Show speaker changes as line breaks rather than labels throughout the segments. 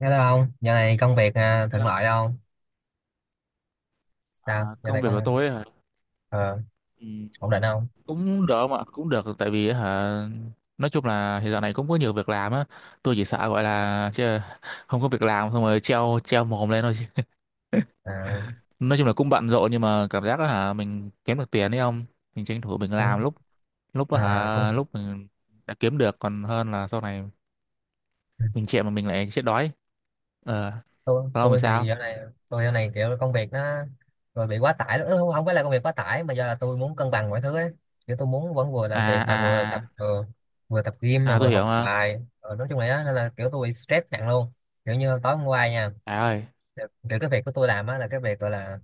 Nghe đâu không giờ này công việc, thuận lợi
Hello.
đâu. Sao
À,
giờ
Công
này
việc của
công...
tôi hả?
ờ,
Ừ,
ổn định không?
cũng được mà cũng được. Tại vì hả, nói chung là hiện giờ này cũng có nhiều việc làm á. Tôi chỉ sợ gọi là chứ không có việc làm xong rồi treo treo mồm lên thôi.
à,
Nói chung là cũng bận rộn, nhưng mà cảm giác là hả mình kiếm được tiền đấy không, mình tranh thủ mình
Cũng...
làm lúc lúc
cũng...
hả lúc mình đã kiếm được, còn hơn là sau này mình chạy mà mình lại chết đói. Ờ,
tôi
còn không thì
tôi thì
sao?
giờ này tôi giờ này kiểu công việc nó rồi bị quá tải lắm. Ừ, không không phải là công việc quá tải mà do là tôi muốn cân bằng mọi thứ ấy. Kiểu tôi muốn vẫn vừa làm
à
việc mà
à à
vừa tập gym mà vừa
tôi
học
hiểu mà.
bài. Ờ, nói chung là đó, nên là kiểu tôi bị stress nặng luôn. Kiểu như tối hôm qua nha,
Trời ơi,
kiểu kiểu cái việc của tôi làm á là cái việc gọi là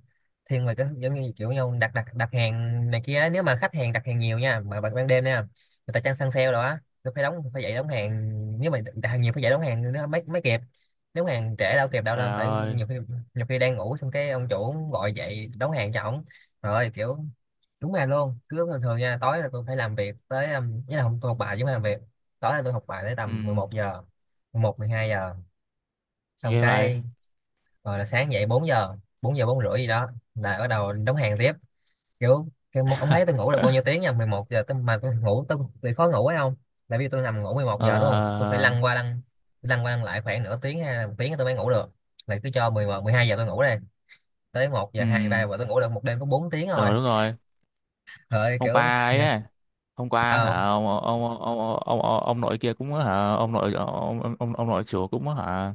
thiên về cái giống như kiểu nhau đặt đặt đặt hàng này kia á. Nếu mà khách hàng đặt hàng nhiều nha, mà ban ban đêm nha, người ta chăng săn sale rồi á, tôi phải đóng, phải dậy đóng hàng. Nếu mà đặt hàng nhiều phải dậy đóng hàng nó mới mới kịp. Nếu hàng trễ đâu kịp đâu,
trời
nên phải
ơi.
nhiều khi, nhiều khi đang ngủ xong cái ông chủ gọi dậy đóng hàng cho ổng. Rồi kiểu đúng là luôn, cứ thường thường nha tối là tôi phải làm việc tới ý là không, tôi học bài chứ không phải làm việc. Tối là tôi học bài tới
Ừ,
tầm 11 giờ, mười một mười hai giờ, xong
ghê vậy.
cái rồi là sáng dậy 4 giờ, 4 giờ 4 rưỡi gì đó là bắt đầu đóng hàng tiếp. Kiểu cái một ông thấy tôi ngủ được bao nhiêu tiếng nha, 11 giờ tôi, mà tôi ngủ tôi bị khó ngủ ấy không, là vì tôi nằm ngủ mười một
Ờ,
giờ đúng không, tôi phải lăn qua lăn lại khoảng nửa tiếng hay là một tiếng tôi mới ngủ được, là cứ cho mười một mười hai giờ tôi ngủ đây, tới một
ừ,
giờ 2 3 giờ tôi ngủ được một đêm có bốn tiếng thôi.
ừ, đúng rồi.
Trời ơi,
Hôm
kiểu
qua ấy, á, hôm qua hả
sao?
ông nội kia cũng hả, ông nội chủ cũng hả,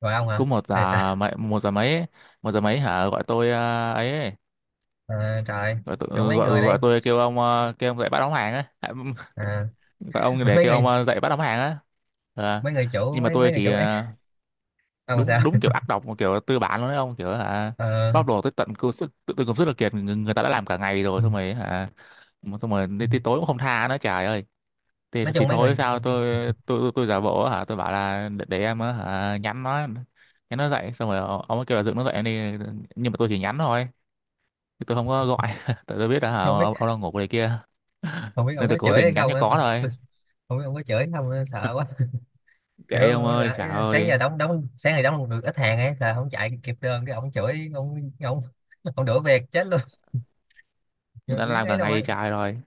Rồi ông hả?
cũng
Hay sao?
một giờ mấy ấy, một giờ mấy hả, gọi tôi ờ, ấy, ấy,
Trời.
gọi tôi
Kiểu mấy
gọi
người
gọi
đây.
tôi kêu ông kêu ông dậy bắt đóng hàng á. À,
à,
gọi ông để
mấy
kêu
người,
ông dậy bắt đóng hàng á. Ờ,
mấy người chủ,
nhưng mà
mấy mấy
tôi
người
chỉ
chủ ấy. Ông sao?
đúng đúng kiểu ác độc mà, kiểu tư bản luôn đấy ông, kiểu hả
Ờ,
bóc lột tới tận công sức, tự, tự công sức là kiệt người ta đã làm cả ngày rồi, xong rồi hả mà xong rồi đến tới tối cũng không tha nữa. Trời ơi, thì
nói
thì
chung mấy
thôi
người
sao
không
tôi, tôi giả bộ hả, tôi bảo là để em á, hả nhắn nó, nhắn nó dậy. Xong rồi ông ấy kêu là dựng nó dậy em đi, nhưng mà tôi chỉ nhắn thôi chứ tôi không có gọi. Tại tôi biết là hả,
biết,
ông đang ngủ ở đây kia,
không biết ông
nên tôi
có
cố
chửi hay
tình nhắn
không
cho
á,
có thôi.
tôi, không biết ông có chửi hay không á, sợ quá.
Kệ đi
Kiểu
ông ơi,
là
trời
sáng
ơi,
giờ đóng đóng sáng ngày đóng được ít hàng ấy, sợ không chạy kịp đơn cái ông chửi, ông ông đuổi việc chết luôn.
người
Trời,
ta đã
đúng
làm
ấy
cả
luôn á.
ngày trời rồi.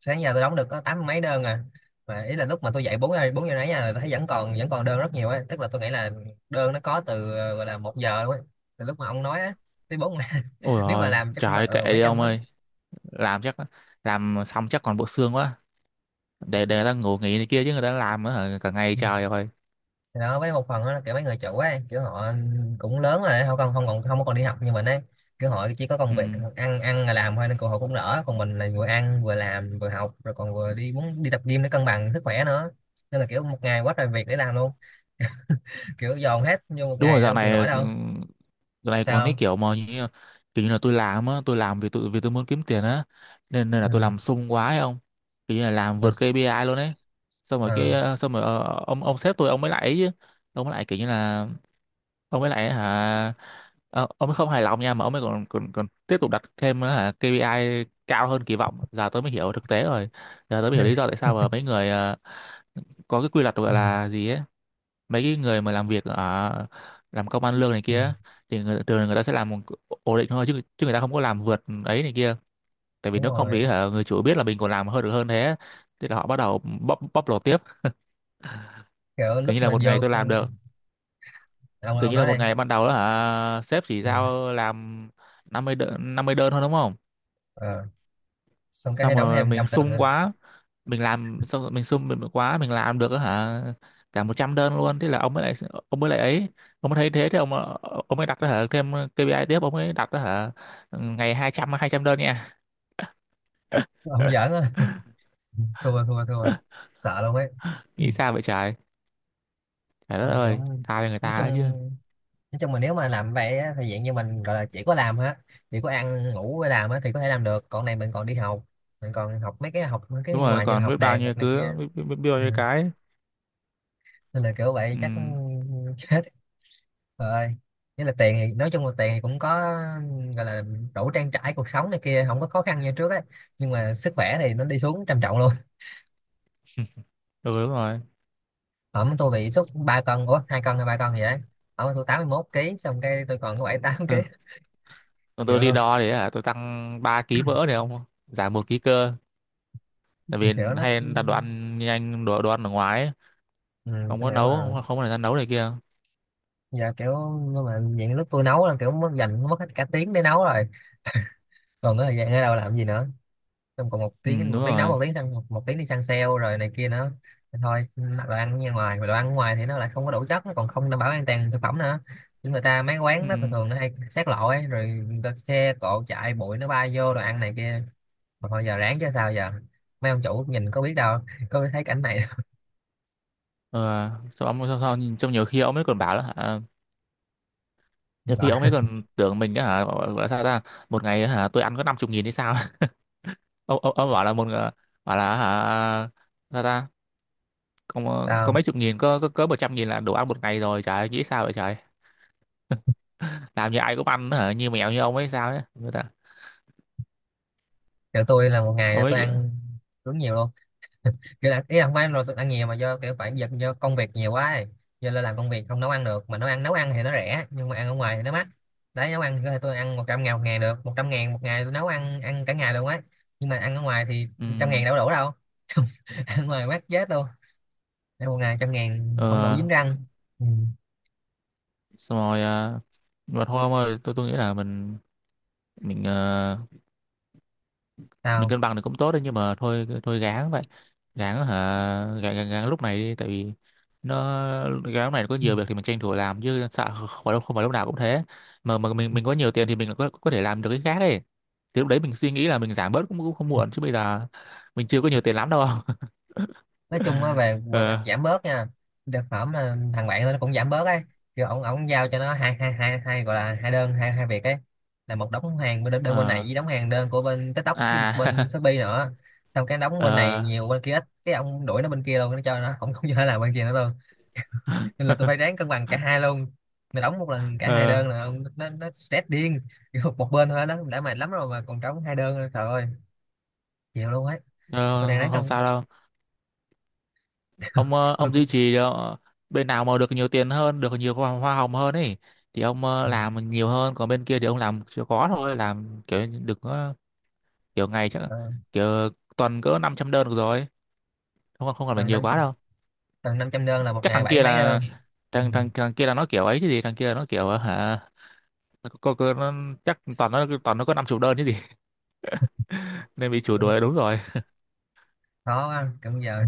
Sáng giờ tôi đóng được có tám mấy đơn à. Mà ý là lúc mà tôi dậy bốn giờ, bốn giờ nãy là tôi thấy vẫn còn, vẫn còn đơn rất nhiều ấy, tức là tôi nghĩ là đơn nó có từ gọi là một giờ luôn ấy, từ lúc mà ông nói á tới bốn
Ôi
nếu mà
rồi
làm chắc cũng phải
trời, kệ
mấy
đi
trăm
ông
á.
ơi. Làm chắc, làm xong chắc còn bộ xương quá. Để người ta ngủ nghỉ này kia chứ, người ta làm á hả, cả ngày trời rồi.
Thì đó, với một phần đó là kiểu mấy người chủ ấy kiểu họ cũng lớn rồi, họ còn không, còn không đi học như mình ấy. Kiểu họ chỉ có công
Ừ,
việc ăn ăn là làm thôi nên họ cũng đỡ, còn mình là vừa ăn vừa làm vừa học rồi còn vừa đi muốn đi tập gym để cân bằng sức khỏe nữa, nên là kiểu một ngày quá trời việc để làm luôn, kiểu dồn hết vô một
đúng rồi.
ngày
Dạo
đâu chịu nổi
này ừ,
đâu.
dạo này còn
Sao
cái
không?
kiểu mà như, kiểu như là tôi làm á, tôi làm vì tôi muốn kiếm tiền á, nên nên là
Ừ.
tôi làm sung quá ấy ông, kiểu như là làm
Rồi
vượt KPI luôn ấy. Xong rồi cái
ờ.
xong rồi ông sếp tôi, ông mới lại ấy chứ, ông mới lại kiểu như là ông ấy lại hả, ờ, ông ấy không hài lòng nha, mà ông ấy còn còn còn tiếp tục đặt thêm hả KPI cao hơn kỳ vọng. Giờ tôi mới hiểu thực tế rồi, giờ tôi mới hiểu lý do tại sao mà mấy người ờ, có cái quy luật gọi
Ừ.
là gì ấy, mấy cái người mà làm việc ở làm công ăn lương này
Ừ,
kia thì thường người ta sẽ làm một- ổn định thôi, chứ chứ người ta không có làm vượt ấy này kia. Tại vì
đúng
nếu không
rồi.
thì hả, người chủ biết là mình còn làm hơn được hơn thế, thế là họ bắt đầu bóc bóc lột tiếp.
Kiểu
Kiểu
lúc
như là
mà
một
vô,
ngày tôi
ừ,
làm được, kiểu
ông
như là
nói
một
đây.
ngày ban đầu đó hả, sếp chỉ
Ừ.
giao làm 50 đơn, thôi đúng không.
Ờ. Xong cái
Xong
hay đóng
rồi
thêm trăm
mình
lần nữa.
sung quá, mình làm xong rồi mình sung mình quá, mình làm được á hả cả 100 đơn luôn. Thế là ông mới lại, ông mới lại ấy ông mới thấy thế thì ông mới đặt đó hả thêm KPI tiếp, ông mới đặt đó hả, ngày hai trăm, đơn nha.
Ông giỡn á. Ừ, thua thua thua, sợ luôn ấy. Ừ.
Nghĩ sao vậy trời? Trời đất
Rồi kiểu
ơi, tha cho người
nói
ta ấy chứ.
chung, nói chung mà nếu mà làm vậy á, thì dạng như mình gọi là chỉ có làm hết, chỉ có ăn ngủ với làm á, thì có thể làm được, còn này mình còn đi học, mình còn học mấy cái, học mấy cái
Đúng rồi,
ngoài như là
còn biết
học
bao
đàn
nhiêu,
học này kia.
biết bao
Ừ.
nhiêu cái.
Nên là kiểu vậy
Ừ,
chắc chết rồi. Nghĩa là tiền thì nói chung là tiền thì cũng có, gọi là đủ trang trải cuộc sống này kia, không có khó khăn như trước á, nhưng mà sức khỏe thì nó đi xuống trầm trọng luôn.
ừ đúng rồi.
Ẩm tôi bị sốt 3 cân, ủa hai cân hay ba cân gì đấy, ẩm tôi 81 ký xong cái tôi còn có bảy tám ký.
Ờ. Còn tôi
Kiểu
đi
luôn,
đo thì hả, tôi tăng 3 ký mỡ này không? Giảm một ký cơ. Tại vì
kiểu nó,
hay đặt đồ ăn nhanh, đồ ăn ở ngoài ấy.
ừ,
Không
tôi
có
hiểu
nấu,
mà.
không có thời gian nấu này kia.
Giờ kiểu nhưng mà những lúc tôi nấu là kiểu mất, dành mất hết cả tiếng để nấu rồi, còn cái thời gian ở đâu làm gì nữa. Xong còn một
Ừ,
tiếng,
đúng
một tiếng nấu,
rồi.
một tiếng sang một, một tiếng đi săn sale rồi này kia nữa. Thì thôi đồ ăn ra ngoài, mà đồ ăn ngoài thì nó lại không có đủ chất, nó còn không đảm bảo an toàn thực phẩm nữa. Những người ta mấy
Ừ.
quán đó thường thường nó hay xát lộ ấy rồi người ta xe cộ chạy bụi nó bay vô đồ ăn này kia. Mà thôi giờ ráng chứ sao giờ, mấy ông chủ nhìn có biết đâu, có biết thấy cảnh này đâu.
Ờ, sao nhìn, trong nhiều khi ông ấy còn bảo là hả, nhiều khi ông
Rồi,
ấy còn tưởng mình á hả, gọi là sao ta, một ngày hả, tôi ăn có năm chục nghìn hay sao? Ông bảo là một bảo là hả, sao ta, có
tao...
mấy chục nghìn, có 100 nghìn là đủ ăn một ngày rồi. Trời ơi, nghĩ sao vậy trời? Làm như ai cũng ăn hả, như mèo như ông ấy sao ấy. Người ta-
kiểu tôi là một ngày là
ông
tôi
ấy
ăn đúng nhiều luôn. Kiểu là ý là không phải là tôi ăn nhiều mà do kiểu phải giật do công việc nhiều quá ấy. Giờ là làm công việc không nấu ăn được, mà nấu ăn thì nó rẻ nhưng mà ăn ở ngoài thì nó mắc. Đấy, nấu ăn thì tôi ăn 100 ngàn một ngày được, 100 ngàn một ngày tôi nấu ăn ăn cả ngày luôn ấy. Nhưng mà ăn ở ngoài thì
ừ,
trăm ngàn đâu có đủ đâu. Ăn ở ngoài mắc chết luôn, ăn một ngày trăm ngàn không đủ
ờ,
dính răng. Ừ.
xong rồi à, mà thôi ông ơi, tôi nghĩ là mình mình ờ, mình
Sao?
cân bằng được cũng tốt đấy, nhưng mà thôi thôi gán vậy. gán hả gán, lúc này đi. Tại vì nó gán lúc này có nhiều việc thì mình tranh thủ làm, chứ sợ không phải lúc nào cũng thế. Mà mình có nhiều tiền thì mình có thể làm được cái khác đấy, thì lúc đấy mình suy nghĩ là mình giảm bớt cũng cũng không muộn, chứ bây giờ mình chưa có nhiều tiền lắm đâu.
Nói chung á, về về mặt
Ờ,
giảm bớt nha, thực phẩm là thằng bạn nó cũng giảm bớt ấy. Kiểu ổng ổng giao cho nó hai hai hai hai gọi là hai đơn, hai hai việc ấy, là một đóng hàng bên đơn bên này
ờ,
với đóng hàng đơn của bên TikTok với một
à.
bên Shopee nữa. Xong cái đóng
Ờ,
bên này nhiều bên kia ít, cái ông đuổi nó bên kia luôn, nó cho nó không không cho nó làm bên kia nữa luôn. Nên là tôi phải ráng cân bằng cả hai luôn. Mà đóng một lần cả hai đơn
ờ,
là nó stress điên, kiểu một bên thôi đó đã mệt lắm rồi mà còn trống hai đơn nữa, trời ơi, chịu luôn ấy. Tôi
ờ,
đang
không
ráng
không
cân
sao đâu. Ông
tôi
ông
cũng
duy trì bên nào mà được nhiều tiền hơn, được nhiều hoa hồng hơn ấy, thì ông
ừ.
làm nhiều hơn, còn bên kia thì ông làm chưa có thôi, làm kiểu được kiểu ngày chắc,
Ờ.
kiểu tuần cỡ 500 đơn được rồi, không không cần phải
Cần
nhiều
năng,
quá đâu.
tầng 500 đơn là một
Chắc
ngày
thằng
bảy
kia
mấy đơn.
là,
Ừ.
thằng thằng thằng kia là nó kiểu ấy chứ gì. Thằng kia là nó kiểu ờ, hả nó, chắc toàn nó, có năm chục đơn chứ gì. Nên bị chủ đuổi đúng rồi.
Khó quá kiểu giờ,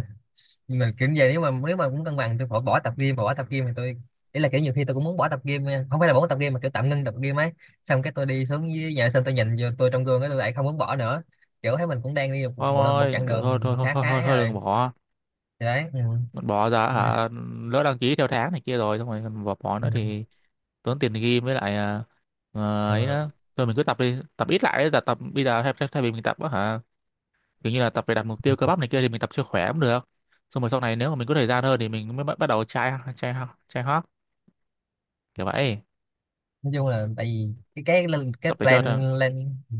nhưng mà kiểu giờ nếu mà, nếu mà muốn cân bằng tôi bỏ, bỏ tập gym thì tôi, ý là kiểu nhiều khi tôi cũng muốn bỏ tập gym nha. Không phải là bỏ tập gym mà kiểu tạm ngưng tập gym ấy. Xong cái tôi đi xuống dưới nhà sân tôi nhìn vô tôi trong gương cái tôi lại không muốn bỏ nữa. Kiểu thấy mình cũng đang đi một,
Ông
một
ơi,
chặng
thôi thôi
đường
thôi
khá
thôi
khá
thôi,
ấy
thôi đừng
rồi.
bỏ,
Thì đấy, ừ.
bỏ ra
Nè.
hả, lỡ đăng ký theo tháng này kia rồi xong rồi còn bỏ, bỏ
Ừ.
nữa thì tốn tiền gym, với lại à, ờ, ấy
Ừ.
đó, thôi mình cứ tập đi, tập ít lại đấy, là tập bây giờ thay vì mình tập á hả, kiểu như là tập để đạt mục tiêu cơ bắp này kia, thì mình tập cho khỏe cũng được. Xong rồi sau này nếu mà mình có thời gian hơn thì mình mới bắt bắt đầu chai chai chai hót, kiểu vậy.
Nói chung là tại vì cái lên cái
Tập để cho
plan
nó-
lên, ừ,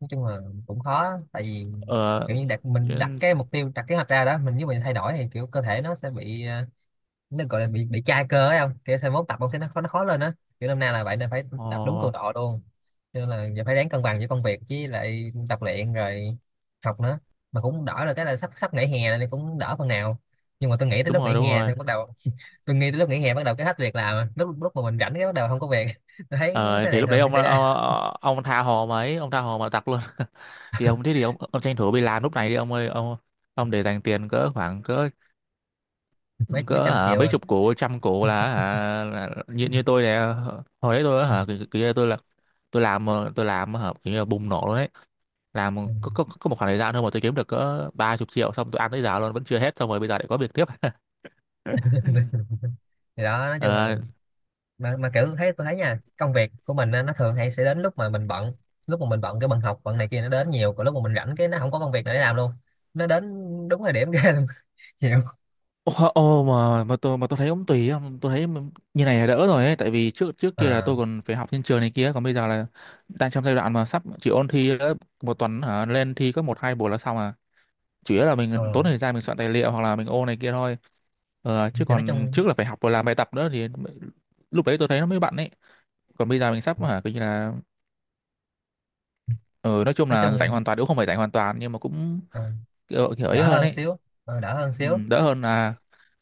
nói chung là cũng khó tại vì
ờ,
kiểu như đặt mình, đặt
chứ-
cái mục tiêu đặt kế hoạch ra đó, mình nếu mình thay đổi thì kiểu cơ thể nó sẽ bị nó gọi là bị chai cơ ấy không, kiểu sau mốt tập ông sẽ nó khó, nó khó lên á, kiểu năm nay là vậy nên phải
ờ,
tập đúng cường độ luôn. Cho nên là giờ phải ráng cân bằng giữa công việc với lại tập luyện rồi học nữa. Mà cũng đỡ là cái là sắp, sắp nghỉ hè nên cũng đỡ phần nào, nhưng mà tôi nghĩ tới
đúng
lúc
rồi,
nghỉ
đúng
hè
rồi.
thì bắt đầu tôi nghĩ tới lúc nghỉ hè bắt đầu cái hết việc làm à. Lúc, lúc mà mình rảnh cái bắt đầu không có việc. Tôi thấy
Ờ
cái
thì
này
lúc đấy
thường hay xảy ra.
ông tha hồ mà ấy, ông tha hồ mà tập luôn. Thì ông, ông tranh thủ đi làm lúc này đi ông ơi ông để dành tiền cỡ khoảng cỡ
Mấy, mấy
cỡ
trăm
hả
triệu
mấy
à.
chục củ trăm củ là hả như như tôi nè. Hồi đấy tôi á hả kiểu như tôi là, tôi làm ờ, tôi làm hả kiểu như là bùng nổ luôn đấy, làm có một khoảng thời gian thôi mà tôi kiếm được cỡ ba chục triệu, xong tôi ăn tới giờ luôn vẫn chưa hết, xong rồi bây giờ lại có việc tiếp.
Thì đó nói chung là,
Ờ.
mà kiểu thấy, tôi thấy nha, công việc của mình á, nó thường hay sẽ đến lúc mà mình bận. Lúc mà mình bận cái bận học bận này kia nó đến nhiều, còn lúc mà mình rảnh cái nó không có công việc nào để làm luôn. Nó đến đúng thời điểm ghê luôn. Chịu.
Ô, ô, mà tôi thấy cũng tùy á, tôi thấy như này là đỡ rồi ấy. Tại vì trước trước kia là
Ờ.
tôi còn phải học trên trường này kia, còn bây giờ là đang trong giai đoạn mà sắp chỉ ôn thi nữa, một tuần hả lên thi có một hai buổi là xong à, chủ yếu là
Ờ
mình tốn thời gian mình soạn tài liệu hoặc là mình ô này kia thôi. Ờ, chứ
thì nói
còn
chung,
trước là phải học và làm bài tập nữa thì lúc đấy tôi thấy nó mới bận ấy. Còn bây giờ mình sắp hả coi như là ờ, nói chung
nói
là rảnh
chung
hoàn toàn, cũng không phải rảnh hoàn toàn nhưng mà cũng
ờ,
kiểu ấy
đỡ
hơn
hơn
ấy.
xíu, ờ, đỡ hơn
Ừ,
xíu.
đỡ hơn là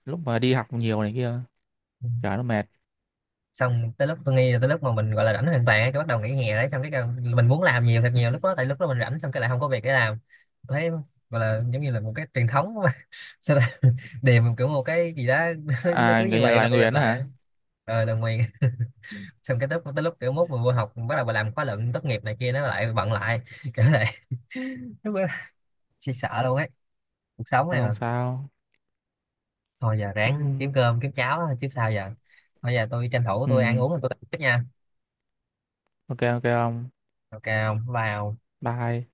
lúc mà đi học nhiều này kia,
Ừ.
chả nó mệt.
Xong tới lúc tôi nghĩ là tới lúc mà mình gọi là rảnh hoàn toàn á, cái bắt đầu nghỉ hè đấy xong cái mình muốn làm nhiều thật nhiều lúc đó tại lúc đó mình rảnh xong cái lại không có việc để làm. Tôi thấy gọi là giống như là một cái truyền thống mà sao, điềm kiểu một cái gì đó, nó cứ
À, cái
như
nhà
vậy lặp
Lai
đi lặp
Nguyễn
lại.
hả.
Ờ, đồng nguyên. Xong cái lúc tới lúc kiểu mốt mình vô học bắt đầu bà làm khóa luận tốt nghiệp này kia nó lại bận lại kiểu này. Lúc đó chị sợ luôn ấy, cuộc sống
Thôi
này
không
mà.
sao.
Thôi giờ
Ừ,
ráng kiếm cơm kiếm cháo chứ sao giờ. Bây giờ tôi tranh thủ tôi ăn uống rồi tôi tiếp nha.
ok ok ông,
Ok không vào?
bye.